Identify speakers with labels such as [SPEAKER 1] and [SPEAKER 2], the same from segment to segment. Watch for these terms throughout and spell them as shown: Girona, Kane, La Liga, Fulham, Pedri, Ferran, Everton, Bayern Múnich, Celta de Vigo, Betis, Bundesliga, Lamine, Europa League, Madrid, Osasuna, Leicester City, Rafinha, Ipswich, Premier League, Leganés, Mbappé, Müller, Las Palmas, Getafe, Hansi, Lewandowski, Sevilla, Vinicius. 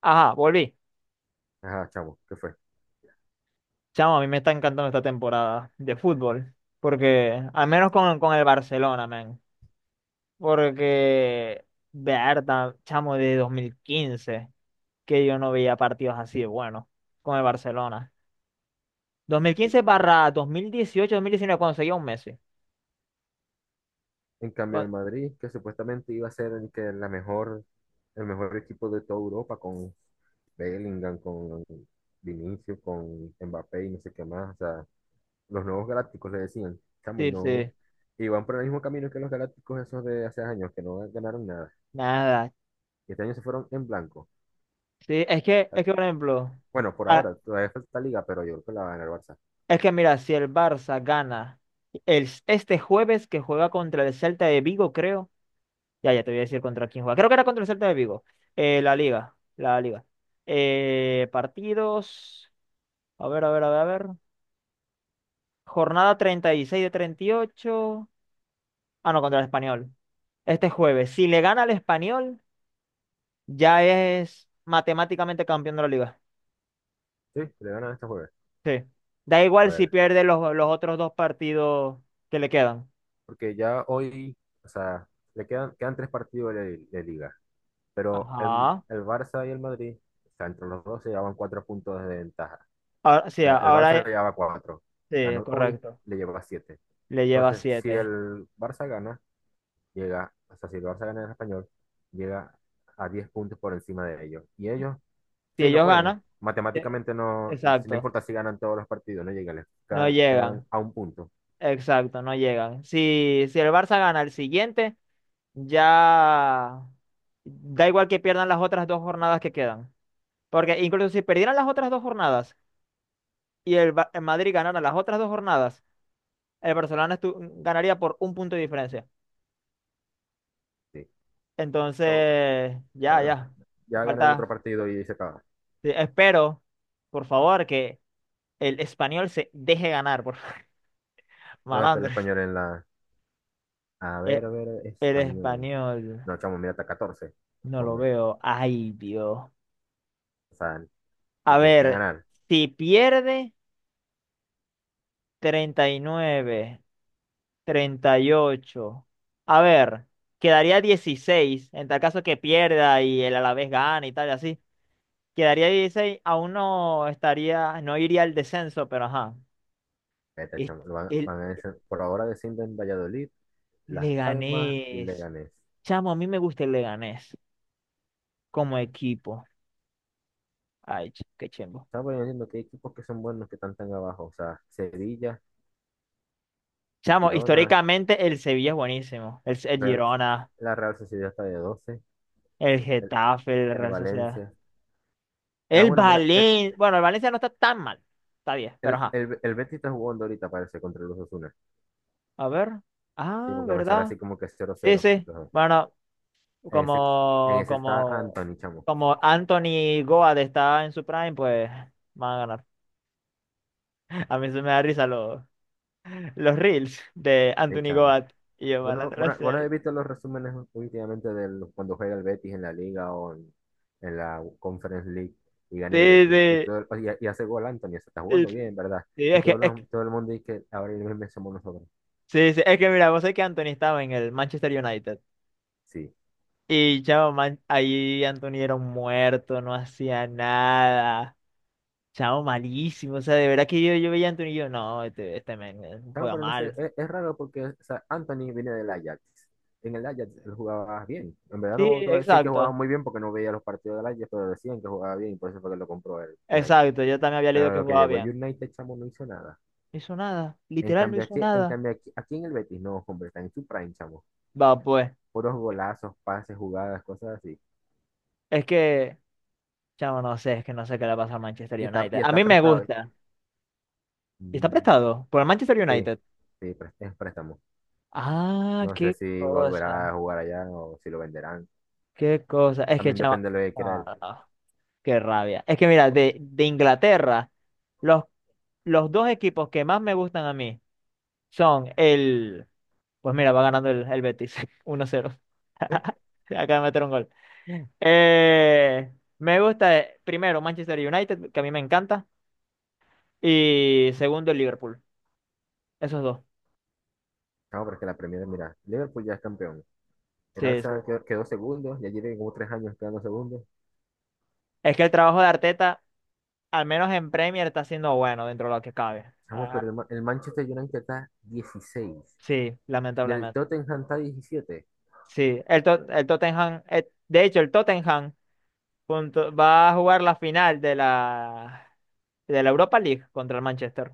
[SPEAKER 1] Ajá, volví.
[SPEAKER 2] Ajá, chamo, ¿qué fue?
[SPEAKER 1] Chamo, a mí me está encantando esta temporada de fútbol. Porque, al menos con el Barcelona, man. Porque, verdad, chamo, de 2015 que yo no veía partidos así de buenos con el Barcelona. Dos mil
[SPEAKER 2] Sí.
[SPEAKER 1] quince barra 2018, 2019, cuando seguía un Messi.
[SPEAKER 2] En cambio, el
[SPEAKER 1] Cua-
[SPEAKER 2] Madrid, que supuestamente iba a ser el mejor equipo de toda Europa con Bellingham, con Vinicius, con Mbappé y no sé qué más. O sea, los nuevos galácticos le decían, chamo, y
[SPEAKER 1] Sí,
[SPEAKER 2] no.
[SPEAKER 1] sí,
[SPEAKER 2] Y van por el mismo camino que los galácticos esos de hace años, que no ganaron nada.
[SPEAKER 1] nada.
[SPEAKER 2] Y este año se fueron en blanco.
[SPEAKER 1] Sí, es que,
[SPEAKER 2] Ah,
[SPEAKER 1] es que, por ejemplo,
[SPEAKER 2] bueno, por
[SPEAKER 1] ah,
[SPEAKER 2] ahora, todavía falta liga, pero yo creo que la va a ganar el Barça.
[SPEAKER 1] es que mira, si el Barça gana este jueves que juega contra el Celta de Vigo, creo. Ya, ya te voy a decir contra quién juega. Creo que era contra el Celta de Vigo. La Liga. La Liga. Partidos. A ver, a ver, a ver, a ver. Jornada 36 de 38. Ah, no, contra el Español. Este jueves. Si le gana al Español, ya es matemáticamente campeón de la Liga.
[SPEAKER 2] Sí, le ganan este jueves.
[SPEAKER 1] Sí. Da
[SPEAKER 2] A
[SPEAKER 1] igual si
[SPEAKER 2] ver,
[SPEAKER 1] pierde los otros dos partidos que le quedan.
[SPEAKER 2] porque ya hoy, o sea, le quedan tres partidos de liga. Pero el,
[SPEAKER 1] Ajá.
[SPEAKER 2] el Barça y el Madrid, o sea, entre los dos se llevaban 4 puntos de ventaja.
[SPEAKER 1] Ahora,
[SPEAKER 2] O
[SPEAKER 1] sí,
[SPEAKER 2] sea, el Barça le llevaba 4,
[SPEAKER 1] sí,
[SPEAKER 2] ganó hoy,
[SPEAKER 1] correcto.
[SPEAKER 2] le llevaba 7.
[SPEAKER 1] Le lleva
[SPEAKER 2] Entonces, si
[SPEAKER 1] 7.
[SPEAKER 2] el Barça gana, llega, o sea, si el Barça gana en el español, llega a 10 puntos por encima de ellos. Y ellos,
[SPEAKER 1] Si
[SPEAKER 2] sí, no
[SPEAKER 1] ellos
[SPEAKER 2] pueden.
[SPEAKER 1] ganan, eh,
[SPEAKER 2] Matemáticamente no, si no
[SPEAKER 1] exacto,
[SPEAKER 2] importa si ganan todos los partidos, no llegan,
[SPEAKER 1] no
[SPEAKER 2] quedan
[SPEAKER 1] llegan.
[SPEAKER 2] a 1 punto.
[SPEAKER 1] Exacto, no llegan. Si el Barça gana el siguiente, ya da igual que pierdan las otras dos jornadas que quedan. Porque incluso si perdieran las otras dos jornadas y el Madrid ganara las otras dos jornadas, el Barcelona estu- ganaría por un punto de diferencia.
[SPEAKER 2] Sí. Pero,
[SPEAKER 1] Entonces,
[SPEAKER 2] pero
[SPEAKER 1] ya,
[SPEAKER 2] bueno,
[SPEAKER 1] ya.
[SPEAKER 2] ya gana el otro
[SPEAKER 1] Falta.
[SPEAKER 2] partido y se acaba.
[SPEAKER 1] Sí, espero, por favor, que el español se deje ganar, por
[SPEAKER 2] ¿Dónde está el
[SPEAKER 1] malandro.
[SPEAKER 2] español en la?
[SPEAKER 1] Eh,
[SPEAKER 2] A ver,
[SPEAKER 1] El
[SPEAKER 2] español.
[SPEAKER 1] español,
[SPEAKER 2] No, chamo, mira, está 14.
[SPEAKER 1] no lo
[SPEAKER 2] Hombre,
[SPEAKER 1] veo. Ay, Dios.
[SPEAKER 2] o sea, le
[SPEAKER 1] A
[SPEAKER 2] tiene que
[SPEAKER 1] ver,
[SPEAKER 2] ganar.
[SPEAKER 1] si pierde 39, 38. A ver, quedaría 16. En tal caso que pierda y el Alavés gane y tal, y así. Quedaría 16, aún no estaría, no iría al descenso, pero ajá.
[SPEAKER 2] Eta,
[SPEAKER 1] Es-
[SPEAKER 2] chamo, lo van,
[SPEAKER 1] El
[SPEAKER 2] van a decir- por ahora descienden Valladolid, Las Palmas y
[SPEAKER 1] Leganés.
[SPEAKER 2] Leganés.
[SPEAKER 1] Chamo, a mí me gusta el Leganés como equipo. Ay, qué chimbo.
[SPEAKER 2] Estamos diciendo que hay equipos que son buenos que están tan abajo. O sea, Sevilla,
[SPEAKER 1] Chamo,
[SPEAKER 2] Girona,
[SPEAKER 1] históricamente el Sevilla es buenísimo. El
[SPEAKER 2] Real,
[SPEAKER 1] Girona,
[SPEAKER 2] la Real Sociedad está de 12,
[SPEAKER 1] el
[SPEAKER 2] el,
[SPEAKER 1] Getafe, el
[SPEAKER 2] el
[SPEAKER 1] Real Sociedad.
[SPEAKER 2] Valencia. Ah,
[SPEAKER 1] El
[SPEAKER 2] bueno, mira, el,
[SPEAKER 1] Valencia. Bueno, el Valencia no está tan mal. Está bien, pero
[SPEAKER 2] el,
[SPEAKER 1] ajá.
[SPEAKER 2] el, el Betis está jugando ahorita, parece, contra los Osasuna.
[SPEAKER 1] A ver.
[SPEAKER 2] Sí,
[SPEAKER 1] Ah,
[SPEAKER 2] porque me sale
[SPEAKER 1] ¿verdad?
[SPEAKER 2] así como que cero
[SPEAKER 1] Sí,
[SPEAKER 2] cero
[SPEAKER 1] sí.
[SPEAKER 2] los dos.
[SPEAKER 1] Bueno,
[SPEAKER 2] En ese, en
[SPEAKER 1] como,
[SPEAKER 2] ese está
[SPEAKER 1] como,
[SPEAKER 2] Anthony, chamo.
[SPEAKER 1] como Anthony Goad está en su prime, pues van a ganar. A mí se me da risa los reels de
[SPEAKER 2] Sí,
[SPEAKER 1] Anthony
[SPEAKER 2] chamo.
[SPEAKER 1] Goad y yo van a
[SPEAKER 2] Bueno, bueno, bueno, he
[SPEAKER 1] hacer.
[SPEAKER 2] visto los resúmenes últimamente de cuando juega el Betis en la Liga o en la Conference League y gana el
[SPEAKER 1] Sí,
[SPEAKER 2] Betis. Y,
[SPEAKER 1] sí.
[SPEAKER 2] todo, el- y, y hace gol Anthony, se está
[SPEAKER 1] Y-
[SPEAKER 2] jugando bien, ¿verdad?
[SPEAKER 1] Sí,
[SPEAKER 2] Y
[SPEAKER 1] es
[SPEAKER 2] todo,
[SPEAKER 1] que, es que-
[SPEAKER 2] todo el mundo dice que ahora el mismo somos nosotros.
[SPEAKER 1] sí, sí, es que mira, vos sabés que Anthony estaba en el Manchester United.
[SPEAKER 2] Sí.
[SPEAKER 1] Y chavo, ahí Anthony era un muerto, no hacía nada. Chavo, malísimo. O sea, de verdad que yo veía a Anthony y yo, no, este men
[SPEAKER 2] Claro,
[SPEAKER 1] juega
[SPEAKER 2] pero no sé,
[SPEAKER 1] mal.
[SPEAKER 2] es raro porque o sea, Anthony viene del Ajax. En el Ajax él jugaba bien. En verdad
[SPEAKER 1] Sí,
[SPEAKER 2] no te voy a decir que jugaba
[SPEAKER 1] exacto.
[SPEAKER 2] muy bien porque no veía los partidos del Ajax, pero decían que jugaba bien y por eso fue que lo compró el United.
[SPEAKER 1] Exacto. Yo también había leído
[SPEAKER 2] Pero
[SPEAKER 1] que
[SPEAKER 2] lo que
[SPEAKER 1] jugaba
[SPEAKER 2] llegó el
[SPEAKER 1] bien.
[SPEAKER 2] United, chamo, no hizo nada.
[SPEAKER 1] No hizo nada. Literal, no hizo nada.
[SPEAKER 2] Aquí en el Betis, no, hombre, está en su prime, chamo.
[SPEAKER 1] Va, pues.
[SPEAKER 2] Puros golazos, pases, jugadas, cosas así.
[SPEAKER 1] Es que, chavo, no sé, es que no sé qué le pasa al Manchester
[SPEAKER 2] Y está,
[SPEAKER 1] United.
[SPEAKER 2] y
[SPEAKER 1] A
[SPEAKER 2] está
[SPEAKER 1] mí me
[SPEAKER 2] prestado, ¿eh?
[SPEAKER 1] gusta. Y está
[SPEAKER 2] Mm.
[SPEAKER 1] prestado por el Manchester
[SPEAKER 2] Sí,
[SPEAKER 1] United.
[SPEAKER 2] sí, es préstamo.
[SPEAKER 1] Ah,
[SPEAKER 2] No sé
[SPEAKER 1] qué
[SPEAKER 2] si
[SPEAKER 1] cosa.
[SPEAKER 2] volverá a jugar allá o si lo venderán.
[SPEAKER 1] Qué cosa. Es que,
[SPEAKER 2] También
[SPEAKER 1] chavo.
[SPEAKER 2] depende de lo que quiera
[SPEAKER 1] ah,
[SPEAKER 2] él.
[SPEAKER 1] no, no, qué rabia. Es que, mira, de Inglaterra, los, los dos equipos que más me gustan a mí son el. Pues mira, va ganando el Betis 1-0.
[SPEAKER 2] Sí,
[SPEAKER 1] Acaba de meter un gol. Me gusta, primero, Manchester United, que a mí me encanta. Y segundo, el Liverpool. Esos dos.
[SPEAKER 2] chamo, porque la Premier, mira, Liverpool ya es campeón. El
[SPEAKER 1] Sí, sí.
[SPEAKER 2] Arsenal quedó segundo, ya tiene como 3 años quedando segundo.
[SPEAKER 1] Es que el trabajo de Arteta, al menos en Premier, está siendo bueno dentro de lo que cabe.
[SPEAKER 2] Chamo,
[SPEAKER 1] Ah,
[SPEAKER 2] pero el Manchester United está 16
[SPEAKER 1] sí,
[SPEAKER 2] y el
[SPEAKER 1] lamentablemente.
[SPEAKER 2] Tottenham está 17.
[SPEAKER 1] Sí, el Tottenham, de hecho, el Tottenham va a jugar la final de de la Europa League contra el Manchester.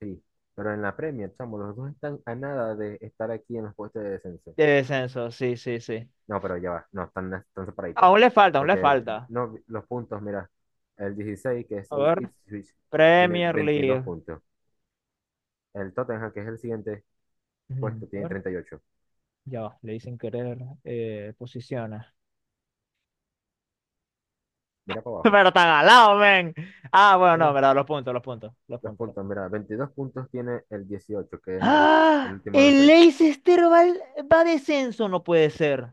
[SPEAKER 2] Sí, pero en la Premier, chamo, los dos están a nada de estar aquí en los puestos de descenso.
[SPEAKER 1] De descenso, sí, sí, sí.
[SPEAKER 2] No, pero ya va, no, están separaditos.
[SPEAKER 1] Aún le falta, aún le
[SPEAKER 2] Porque
[SPEAKER 1] falta.
[SPEAKER 2] no, los puntos, mira, el 16 que es
[SPEAKER 1] A
[SPEAKER 2] el
[SPEAKER 1] ver,
[SPEAKER 2] Ipswich, tiene
[SPEAKER 1] Premier
[SPEAKER 2] 22
[SPEAKER 1] League.
[SPEAKER 2] puntos. El Tottenham, que es el siguiente puesto,
[SPEAKER 1] Ujú. A
[SPEAKER 2] tiene
[SPEAKER 1] ver,
[SPEAKER 2] 38.
[SPEAKER 1] ya, va. Le dicen querer, posiciones.
[SPEAKER 2] Mira para abajo.
[SPEAKER 1] Pero tan al lado, men. Ah, bueno, no,
[SPEAKER 2] Sí,
[SPEAKER 1] verdad, los
[SPEAKER 2] los
[SPEAKER 1] puntos.
[SPEAKER 2] puntos, mira, 22 puntos tiene el 18 que es el
[SPEAKER 1] ¡Ah!
[SPEAKER 2] último de los
[SPEAKER 1] El
[SPEAKER 2] tres.
[SPEAKER 1] Leicester va, al- va a descenso, no puede ser.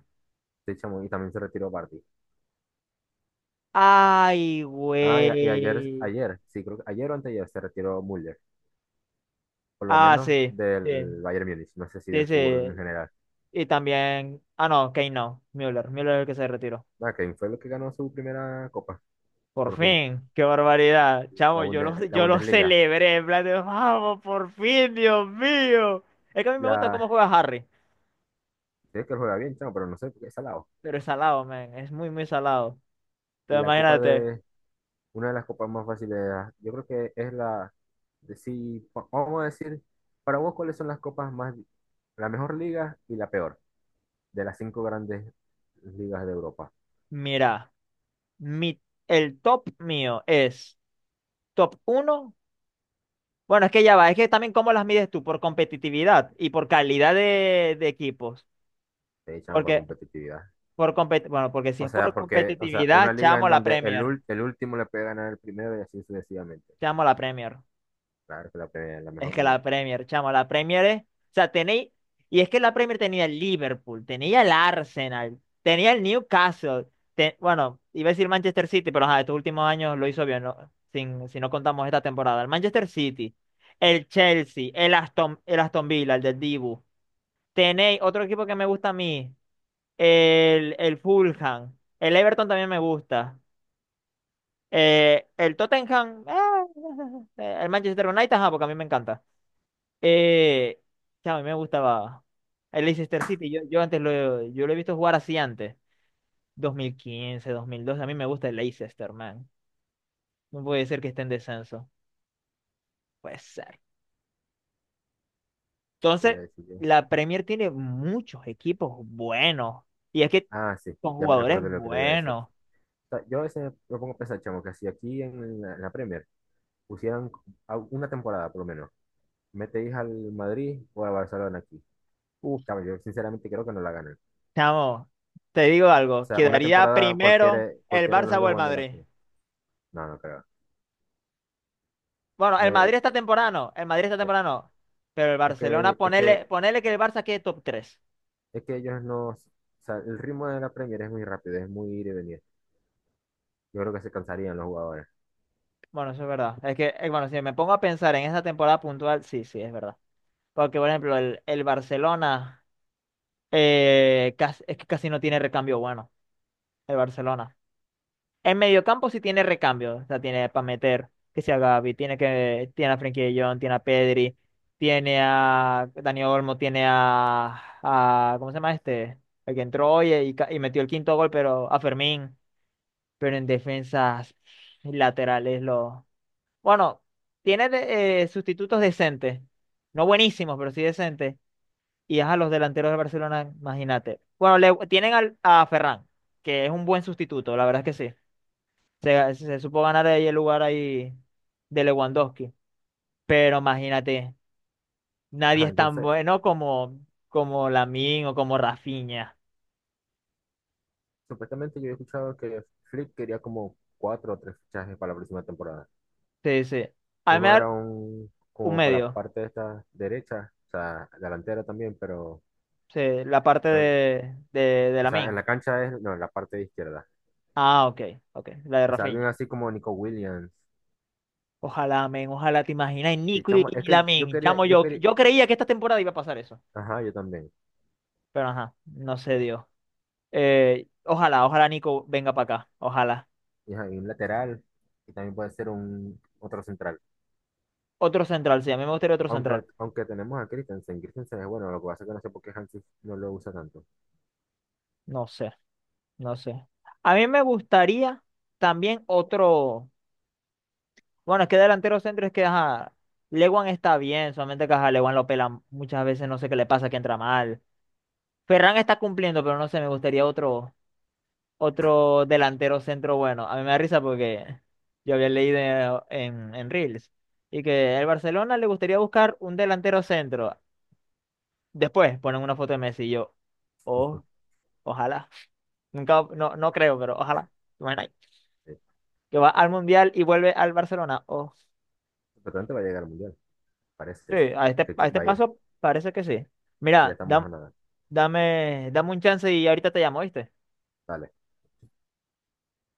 [SPEAKER 2] Sí, chamo, y también se retiró Barty.
[SPEAKER 1] Ay,
[SPEAKER 2] Ah, y, a- y ayer,
[SPEAKER 1] güey.
[SPEAKER 2] ayer, sí, creo que ayer o anteayer se retiró Müller, por lo
[SPEAKER 1] Ah,
[SPEAKER 2] menos
[SPEAKER 1] sí, sí,
[SPEAKER 2] del Bayern Múnich, no sé si
[SPEAKER 1] sí,
[SPEAKER 2] del fútbol en
[SPEAKER 1] sí.
[SPEAKER 2] general.
[SPEAKER 1] Y también. Ah, no, Kane no. Müller es el que se retiró.
[SPEAKER 2] Nada, Kane fue el que ganó su primera copa,
[SPEAKER 1] Por
[SPEAKER 2] por fin,
[SPEAKER 1] fin, qué barbaridad.
[SPEAKER 2] la,
[SPEAKER 1] Chamo,
[SPEAKER 2] Bunde- la
[SPEAKER 1] yo lo
[SPEAKER 2] Bundesliga.
[SPEAKER 1] celebré, en plan de, vamos, por fin, Dios mío. Es que a mí me gusta cómo
[SPEAKER 2] La,
[SPEAKER 1] juega Harry,
[SPEAKER 2] sé que juega bien, chamo, pero no sé por qué es salado.
[SPEAKER 1] pero es salado, man, es muy salado. Entonces,
[SPEAKER 2] La copa
[SPEAKER 1] imagínate,
[SPEAKER 2] de, una de las copas más fáciles, ah, yo creo que es la, de, si, va- vamos a decir, para vos, ¿cuáles son la mejor liga y la peor de las cinco grandes ligas de Europa?
[SPEAKER 1] mira, mi, el top mío es top uno. Bueno, es que ya va, es que también cómo las mides tú, por competitividad y por calidad de equipos.
[SPEAKER 2] Te echan para
[SPEAKER 1] Porque,
[SPEAKER 2] competitividad.
[SPEAKER 1] bueno, porque si
[SPEAKER 2] O
[SPEAKER 1] es
[SPEAKER 2] sea,
[SPEAKER 1] por
[SPEAKER 2] porque, o sea, una
[SPEAKER 1] competitividad,
[SPEAKER 2] liga en donde el, ul- el último le puede ganar el primero y así sucesivamente.
[SPEAKER 1] Chamo la Premier.
[SPEAKER 2] Claro que la
[SPEAKER 1] Es
[SPEAKER 2] mejor
[SPEAKER 1] que la
[SPEAKER 2] liga.
[SPEAKER 1] Premier, chamo, la Premier es. O sea, tenéis. Y es que la Premier tenía el Liverpool, tenía el Arsenal, tenía el Newcastle. Bueno, iba a decir Manchester City, pero ajá, estos últimos años lo hizo bien, ¿no? Sin, si no contamos esta temporada. El Manchester City, el Chelsea, el Aston Villa, el del Dibu. Tenéis otro equipo que me gusta a mí, el Fulham. El Everton también me gusta. El Tottenham, el Manchester United, ajá, porque a mí me encanta. Eh, chao, a mí me gustaba el Leicester City. Yo lo he visto jugar así antes. Dos mil quince, 2012. A mí me gusta el Leicester, man. No puede ser que esté en descenso. Puede ser.
[SPEAKER 2] ¿Qué iba a
[SPEAKER 1] Entonces,
[SPEAKER 2] decir yo?
[SPEAKER 1] la Premier tiene muchos equipos buenos. Y es que
[SPEAKER 2] Ah, sí,
[SPEAKER 1] con
[SPEAKER 2] ya me
[SPEAKER 1] jugadores
[SPEAKER 2] recuerdo lo que te iba a decir.
[SPEAKER 1] buenos.
[SPEAKER 2] O sea, yo a veces me pongo a pensar, chamo, que si aquí en la Premier pusieran una temporada por lo menos, metéis al Madrid o al Barcelona aquí.
[SPEAKER 1] Uf,
[SPEAKER 2] Chamo, yo sinceramente creo que no la ganan.
[SPEAKER 1] chamo, te digo
[SPEAKER 2] O
[SPEAKER 1] algo.
[SPEAKER 2] sea, una
[SPEAKER 1] Quedaría
[SPEAKER 2] temporada
[SPEAKER 1] primero
[SPEAKER 2] cualquiera,
[SPEAKER 1] el
[SPEAKER 2] cualquiera de los
[SPEAKER 1] Barça o
[SPEAKER 2] dos
[SPEAKER 1] el
[SPEAKER 2] jugando en la
[SPEAKER 1] Madrid.
[SPEAKER 2] Premier. No, no creo.
[SPEAKER 1] Bueno, el
[SPEAKER 2] Ya,
[SPEAKER 1] Madrid está temprano. El Madrid está
[SPEAKER 2] eh,
[SPEAKER 1] temprano. Pero el
[SPEAKER 2] es
[SPEAKER 1] Barcelona,
[SPEAKER 2] que, es que,
[SPEAKER 1] ponele, ponele que el Barça quede top 3.
[SPEAKER 2] es que ellos no. O sea, el ritmo de la Premier es muy rápido, es muy ir y venir. Yo creo que se cansarían los jugadores.
[SPEAKER 1] Bueno, eso es verdad. Es que, bueno, si me pongo a pensar en esa temporada puntual, sí, sí, es verdad. Porque, por ejemplo, el Barcelona casi, es que casi no tiene recambio bueno, el Barcelona. En mediocampo sí tiene recambio, o sea, tiene para meter, que sea Gavi, tiene a Frenkie de Jong, tiene a Pedri, tiene a Dani Olmo, ¿cómo se llama este? El que entró hoy y, y metió el quinto gol, pero a Fermín, pero en defensas laterales lo. Bueno, tiene sustitutos decentes. No buenísimos, pero sí decentes. Y a los delanteros de Barcelona, imagínate. Bueno, tienen a Ferran, que es un buen sustituto, la verdad es que sí. Se supo ganar ahí el lugar ahí de Lewandowski. Pero imagínate, nadie
[SPEAKER 2] Ajá,
[SPEAKER 1] es tan
[SPEAKER 2] entonces,
[SPEAKER 1] bueno como Lamine o como Rafinha.
[SPEAKER 2] supuestamente yo he escuchado que Flick quería como cuatro o tres fichajes para la próxima temporada.
[SPEAKER 1] Sí, sí. A mí me
[SPEAKER 2] Uno era
[SPEAKER 1] da
[SPEAKER 2] un
[SPEAKER 1] un
[SPEAKER 2] como para la
[SPEAKER 1] medio.
[SPEAKER 2] parte de esta derecha, o sea, delantera también, pero
[SPEAKER 1] Sí, la parte
[SPEAKER 2] creo-
[SPEAKER 1] de
[SPEAKER 2] o sea, en
[SPEAKER 1] Lamine.
[SPEAKER 2] la cancha es, no, en la parte de izquierda.
[SPEAKER 1] Ah, ok, ok. La de
[SPEAKER 2] O sea, alguien
[SPEAKER 1] Rafinha.
[SPEAKER 2] así como Nico Williams.
[SPEAKER 1] Ojalá, men, ojalá te imaginas,
[SPEAKER 2] Sí,
[SPEAKER 1] Nico
[SPEAKER 2] chamo, es
[SPEAKER 1] y
[SPEAKER 2] que
[SPEAKER 1] Lamin, chamo,
[SPEAKER 2] yo quería,
[SPEAKER 1] yo creía que esta temporada iba a pasar eso,
[SPEAKER 2] ajá, yo también.
[SPEAKER 1] pero ajá, no se dio. Ojalá Nico venga para acá, ojalá.
[SPEAKER 2] Y, ajá, y un lateral, y también puede ser un otro central.
[SPEAKER 1] Otro central, sí, a mí me gustaría otro
[SPEAKER 2] Aunque,
[SPEAKER 1] central.
[SPEAKER 2] aunque tenemos a Christensen, Christensen es bueno, lo que pasa es que no sé por qué Hansi no lo usa tanto.
[SPEAKER 1] No sé, no sé. A mí me gustaría también otro, bueno, es que delantero centro es que, ajá, Lewan está bien, solamente que, ajá, Lewan lo pela muchas veces, no sé qué le pasa, que entra mal. Ferran está cumpliendo, pero no sé, me gustaría otro, otro delantero centro bueno. A mí me da risa porque yo había leído en Reels y que el Barcelona le gustaría buscar un delantero centro. Después ponen una foto de Messi y yo, oh, ojalá. Nunca, no, no creo, pero ojalá. Bueno,
[SPEAKER 2] Sí.
[SPEAKER 1] que va al Mundial y vuelve al Barcelona. Oh,
[SPEAKER 2] Pero tanto va a llegar al mundial,
[SPEAKER 1] sí,
[SPEAKER 2] parece. Que
[SPEAKER 1] a este
[SPEAKER 2] va a ir.
[SPEAKER 1] paso parece que sí.
[SPEAKER 2] Ya
[SPEAKER 1] Mira,
[SPEAKER 2] estamos
[SPEAKER 1] dam-
[SPEAKER 2] a nada.
[SPEAKER 1] dame, dame un chance y ahorita te llamo, ¿viste?
[SPEAKER 2] Dale.